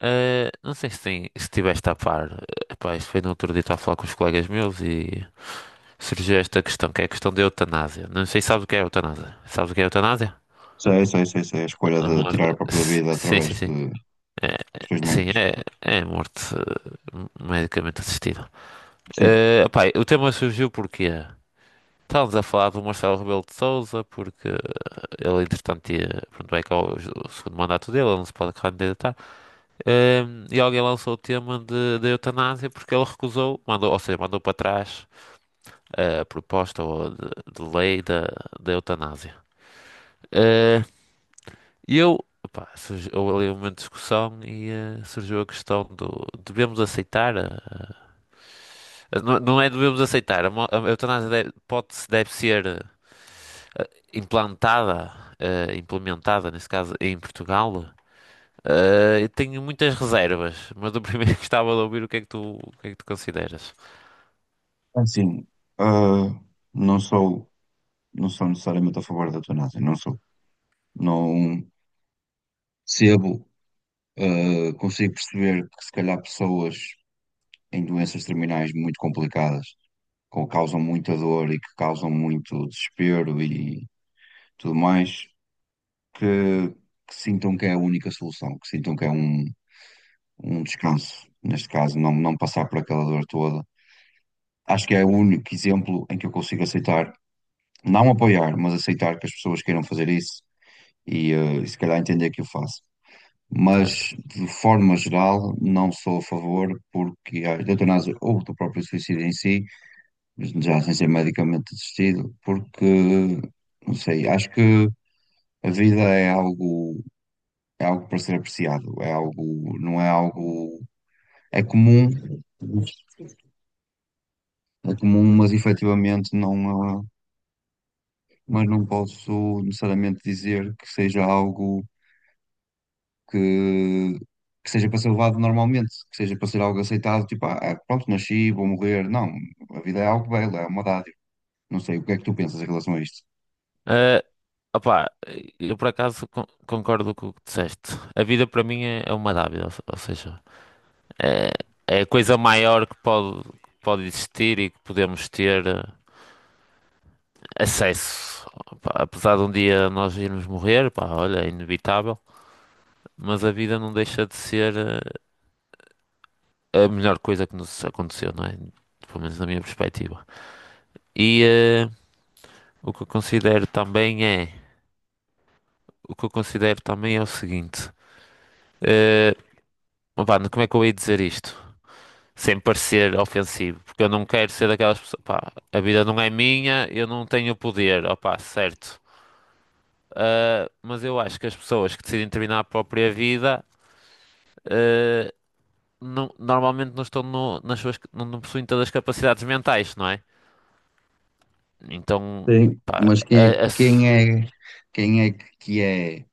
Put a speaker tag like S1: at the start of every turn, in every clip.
S1: Não sei se, tem, se estiveste a par. Epá, isto foi no outro dia, estava a falar com os colegas meus e surgiu esta questão, que é a questão da eutanásia. Não sei se sabes o que é eutanásia. Sabes o que é eutanásia?
S2: Sei, sei, sei, sei. A escolha
S1: A
S2: de tirar a
S1: morte.
S2: própria vida
S1: Sim,
S2: através
S1: sim, sim.
S2: de
S1: É,
S2: questões
S1: é- sim,
S2: médicas.
S1: é, é a morte, medicamente assistida.
S2: Sim,
S1: Epá, o tema surgiu porque estávamos a falar do Marcelo Rebelo de Sousa, porque ele, entretanto, ia, pronto, vai acabar o segundo mandato dele, ele não se pode candidatar. E alguém lançou o tema de, da eutanásia porque ele recusou, mandou, ou seja, mandou para trás a proposta ou de lei da, da eutanásia. Ah, E eu, opá, houve ali uma discussão e, surgiu a questão do devemos aceitar não, não é devemos aceitar, a, a eutanásia deve, pode, deve ser, ah, implantada, ah, implementada, nesse caso, em Portugal. Ah, eu tenho muitas reservas, mas eu primeiro gostava de ouvir o que é que tu, o que é que tu consideras.
S2: assim, ah, não sou, não sou necessariamente a favor da eutanásia, não sou. Não percebo, consigo perceber que se calhar pessoas em doenças terminais muito complicadas, que causam muita dor e que causam muito desespero e tudo mais, que, que sintam que é a única solução, que sintam que é um, um descanso. Neste caso, não, não passar por aquela dor toda. Acho que é o único exemplo em que eu consigo aceitar, não apoiar, mas aceitar que as pessoas queiram fazer isso e, e se calhar entender que eu faço.
S1: Certo.
S2: Mas, de forma geral, não sou a favor porque a eutanásia ou do próprio suicídio em si, já sem ser medicamente assistido, porque, não sei, acho que a vida é algo para ser apreciado, é algo, não é algo, é comum, é comum, mas efetivamente não, é mas não posso necessariamente dizer que seja algo que, que seja para ser levado normalmente, que seja para ser algo aceitado, tipo, ah, é, pronto, nasci, vou morrer. Não, a vida é algo belo, é uma dádiva. Não sei, o que é que tu pensas em relação a isto?
S1: Eh, Opá, eu por acaso concordo com o que disseste. A vida para mim é, é uma dádiva, ou ou seja, é, é a coisa maior que pode existir e que podemos ter, acesso. Opá, apesar de um dia nós irmos morrer, pá, olha, é inevitável, mas a vida não deixa de ser, a melhor coisa que nos aconteceu, não é? Pelo menos na minha perspectiva. E, o que eu considero também é, o que eu considero também é o seguinte. ah, Pá, como é que eu ia dizer isto? Sem parecer ofensivo, porque eu não quero ser daquelas pessoas. Pá, a vida não é minha, eu não tenho poder, opá, certo. Ah, mas eu acho que as pessoas que decidem terminar a própria vida, ah, normalmente não estão nas suas, não, não possuem todas as capacidades mentais, não é? Então,
S2: Sim.
S1: pá,
S2: Mas
S1: a- a s-
S2: quem é que é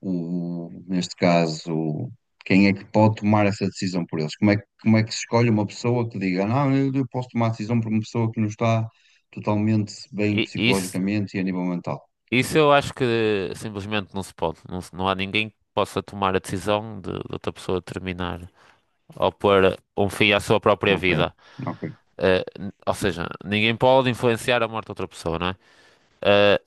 S2: o, neste caso, quem é que pode tomar essa decisão por eles? Como é que se escolhe uma pessoa que diga, "Ah, não, eu posso tomar a decisão por uma pessoa que não está totalmente bem
S1: isso,
S2: psicologicamente e a nível mental?
S1: isso eu acho que simplesmente não se pode. Não, não há ninguém que possa tomar a decisão de outra pessoa terminar ou pôr um fim à sua própria
S2: Ok,
S1: vida.
S2: ok.
S1: Eh, ou seja, ninguém pode influenciar a morte de outra pessoa, não é? Eh,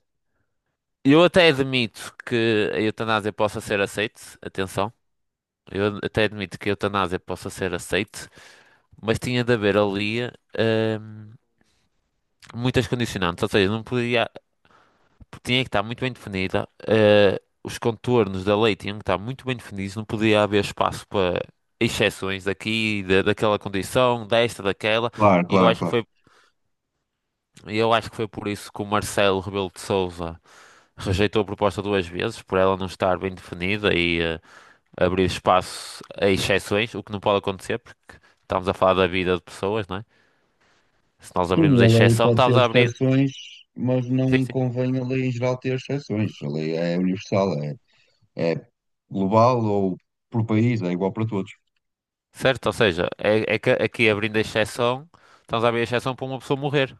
S1: eu até admito que a eutanásia possa ser aceite, atenção, eu até admito que a eutanásia possa ser aceite, mas tinha de haver ali, ehm, muitas condicionantes, ou seja, não podia, tinha que estar muito bem definida, eh, os contornos da lei tinham que estar muito bem definidos, não podia haver espaço para exceções daqui, daquela condição, desta, daquela,
S2: Claro,
S1: e eu
S2: claro,
S1: acho que
S2: claro.
S1: foi, eu acho que foi por isso que o Marcelo Rebelo de Sousa rejeitou a proposta duas vezes por ela não estar bem definida e, abrir espaço a exceções, o que não pode acontecer, porque estamos a falar da vida de pessoas, não é? Se nós abrirmos
S2: Sim,
S1: a
S2: a lei
S1: exceção,
S2: pode ter
S1: estamos a abrir.
S2: exceções, mas
S1: Sim,
S2: não
S1: sim.
S2: convém a lei em geral ter exceções. A lei é universal, é, é global ou por país, é igual para todos.
S1: Certo? Ou seja, é, é que aqui abrindo a exceção, estamos a abrir a exceção para uma pessoa morrer.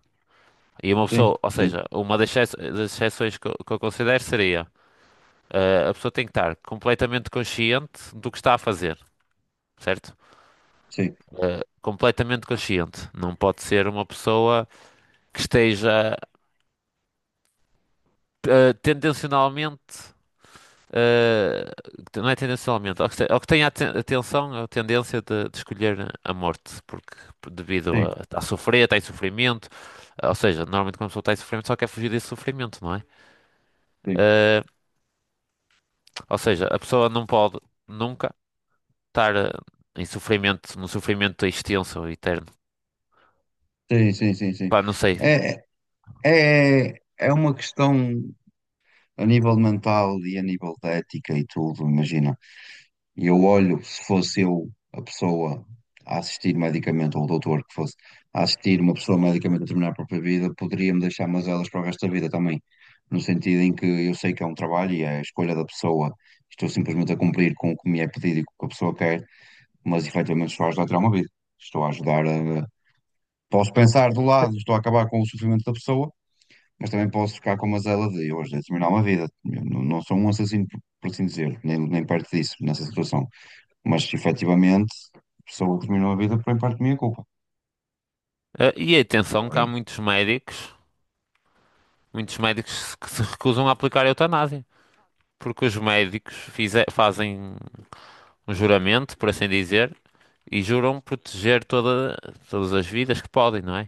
S1: E uma
S2: Sim,
S1: pessoa, ou
S2: sim,
S1: seja, uma das das exceções que eu considero seria, a pessoa tem que estar completamente consciente do que está a fazer, certo?
S2: sim,
S1: Completamente consciente. Não pode ser uma pessoa que esteja, tendencionalmente, eh, não é tendencionalmente, ao que tem a atenção, a tendência de escolher a morte, porque devido
S2: sim,
S1: a sofrer, está em sofrimento, ou seja, normalmente quando a pessoa está em sofrimento só quer fugir desse sofrimento, não é?
S2: sim,
S1: Eh, ou seja, a pessoa não pode nunca estar, em sofrimento, num sofrimento extenso e eterno.
S2: sim, sim, sim, sim.
S1: Pá, não sei.
S2: É, é é uma questão a nível mental e a nível de ética e tudo, imagina. E eu olho, se fosse eu a pessoa a assistir medicamente, ou o doutor que fosse a assistir uma pessoa medicamente a terminar a própria vida, poderia-me deixar elas para o resto da vida também. No sentido em que eu sei que é um trabalho e é a escolha da pessoa, estou simplesmente a cumprir com o que me é pedido e com o que a pessoa quer, mas efetivamente estou a ajudar a tirar uma vida. Estou a ajudar a. Posso pensar do lado, estou a acabar com o sofrimento da pessoa, mas também posso ficar com a mazela de hoje a terminar uma vida. Eu não, não sou um assassino, por assim dizer, nem, nem perto disso, nessa situação, mas efetivamente, pessoas que terminam a vida por em parte minha culpa.
S1: E atenção que
S2: Agora,
S1: há muitos médicos que se recusam a aplicar a eutanásia. Porque os médicos fazem um juramento, por assim dizer, e juram proteger toda, todas as vidas que podem, não é?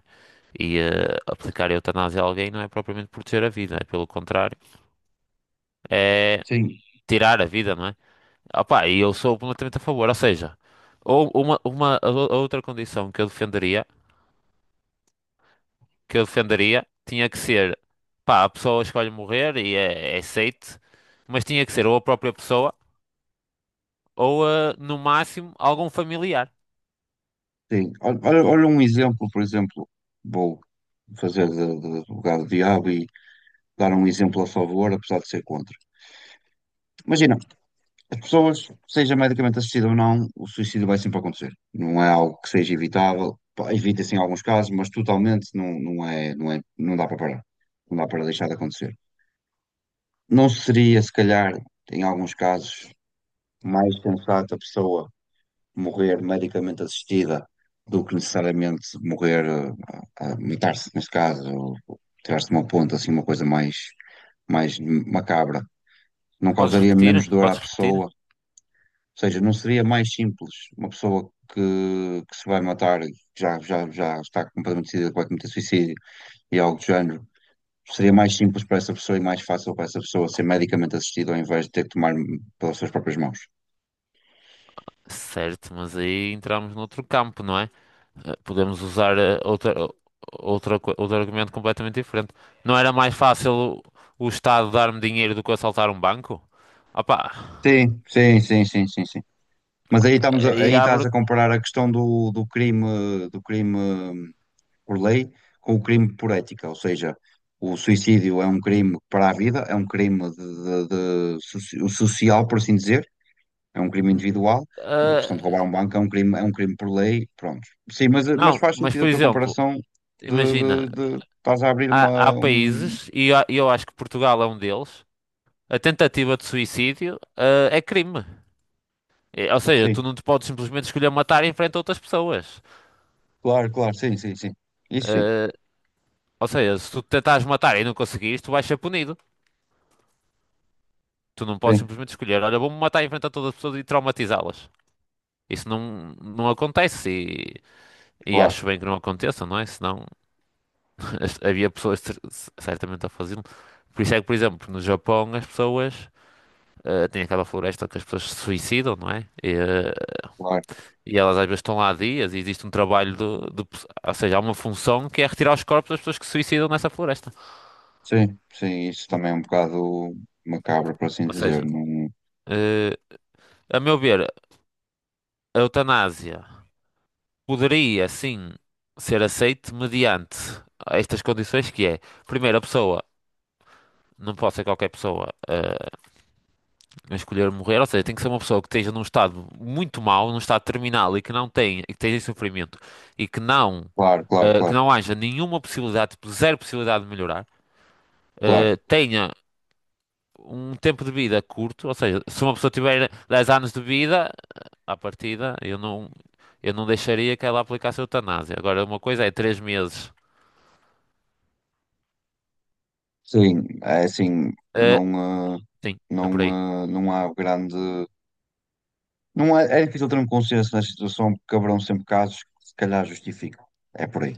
S1: E, aplicar a eutanásia a alguém não é propriamente proteger a vida, é pelo contrário, é
S2: sim,
S1: tirar a vida, não é? Opa, e eu sou completamente a favor, ou seja, ou uma a a outra condição que eu defenderia, tinha que ser, pá, a pessoa escolhe morrer e é, é aceite, mas tinha que ser ou a própria pessoa, ou, no máximo algum familiar.
S2: sim. Olha, olha- olha um exemplo, por exemplo, vou fazer de advogado do diabo e dar um exemplo a favor, apesar de ser contra. Imagina, as pessoas, seja medicamente assistida ou não, o suicídio vai sempre acontecer. Não é algo que seja evitável. Pá, evita-se em alguns casos, mas totalmente não, não dá para parar. Não dá para deixar de acontecer. Não seria, se calhar, em alguns casos, mais sensato a pessoa morrer medicamente assistida do que necessariamente morrer, a matar-se, neste caso, ou tirar-se de uma ponta, mais macabra. Não
S1: Podes
S2: causaria
S1: repetir?
S2: menos dor à
S1: Podes repetir?
S2: pessoa, ou seja, não seria mais simples uma pessoa que se vai matar, e já está completamente decidida que vai cometer suicídio e algo do género. Seria mais simples para essa pessoa e mais fácil para essa pessoa ser medicamente assistida ao invés de ter que tomar pelas suas próprias mãos.
S1: Certo, mas aí entramos noutro campo, não é? Podemos usar, outra, outra, outro argumento completamente diferente. Não era mais fácil o Estado dar-me dinheiro do que assaltar um banco? Opa,
S2: Sim, sim, sim, sim, sim, sim. Mas aí estamos a-
S1: aí
S2: aí estás
S1: abre.
S2: a comparar a questão do crime por lei com o crime por ética, ou seja, o suicídio é um crime para a vida, é um crime de soci- social, por assim dizer, é um crime
S1: n-
S2: individual. A
S1: eh,
S2: questão de roubar um banco é um crime por lei, pronto. Sim, mas
S1: não,
S2: faz
S1: mas
S2: sentido a
S1: por
S2: tua
S1: exemplo,
S2: comparação de,
S1: imagina,
S2: estás a abrir
S1: há,
S2: uma
S1: há
S2: um...
S1: países, e eu acho que Portugal é um deles, a tentativa de suicídio, é crime. Ou seja, tu
S2: Sim,
S1: não te podes simplesmente escolher matar em frente a outras pessoas.
S2: claro, claro, sim, sim, sim, isso sim,
S1: Eh, Ou seja, se tu tentares matar e não conseguires, tu vais ser punido. Tu não podes
S2: sim,
S1: simplesmente escolher, olha, vou-me matar em frente a todas as pessoas e traumatizá-las. Isso não, não acontece, e
S2: claro,
S1: acho bem que não aconteça, não é? Senão havia pessoas certamente a fazê-lo. Por isso é que, por exemplo, no Japão as pessoas, têm aquela floresta que as pessoas se suicidam, não é? E, eh,
S2: claro.
S1: e elas às vezes estão lá há dias e existe um trabalho de ou seja, há uma função que é retirar os corpos das pessoas que se suicidam nessa floresta.
S2: Sim, sim, isso também é um bocado macabro, por assim
S1: Ou
S2: dizer.
S1: seja,
S2: Não...
S1: eh, a meu ver, a eutanásia poderia sim ser aceito mediante estas condições, que é, primeiro, a pessoa, não pode ser qualquer pessoa, a escolher morrer, ou seja, tem que ser uma pessoa que esteja num estado muito mau, num estado terminal, e que não tem, e que esteja em sofrimento e que não,
S2: Claro, claro,
S1: que
S2: claro,
S1: não haja nenhuma possibilidade, tipo, zero possibilidade de melhorar,
S2: claro.
S1: tenha um tempo de vida curto, ou seja, se uma pessoa tiver 10 anos de vida, eh, à partida, eu não deixaria que ela aplicasse a eutanásia. Agora, uma coisa é 3 meses.
S2: Sim, é assim,
S1: eh, Sim, é
S2: não,
S1: por aí.
S2: não há grande. Não há- é difícil ter um consenso nesta situação, porque haverão sempre casos que se calhar justificam. É por aí.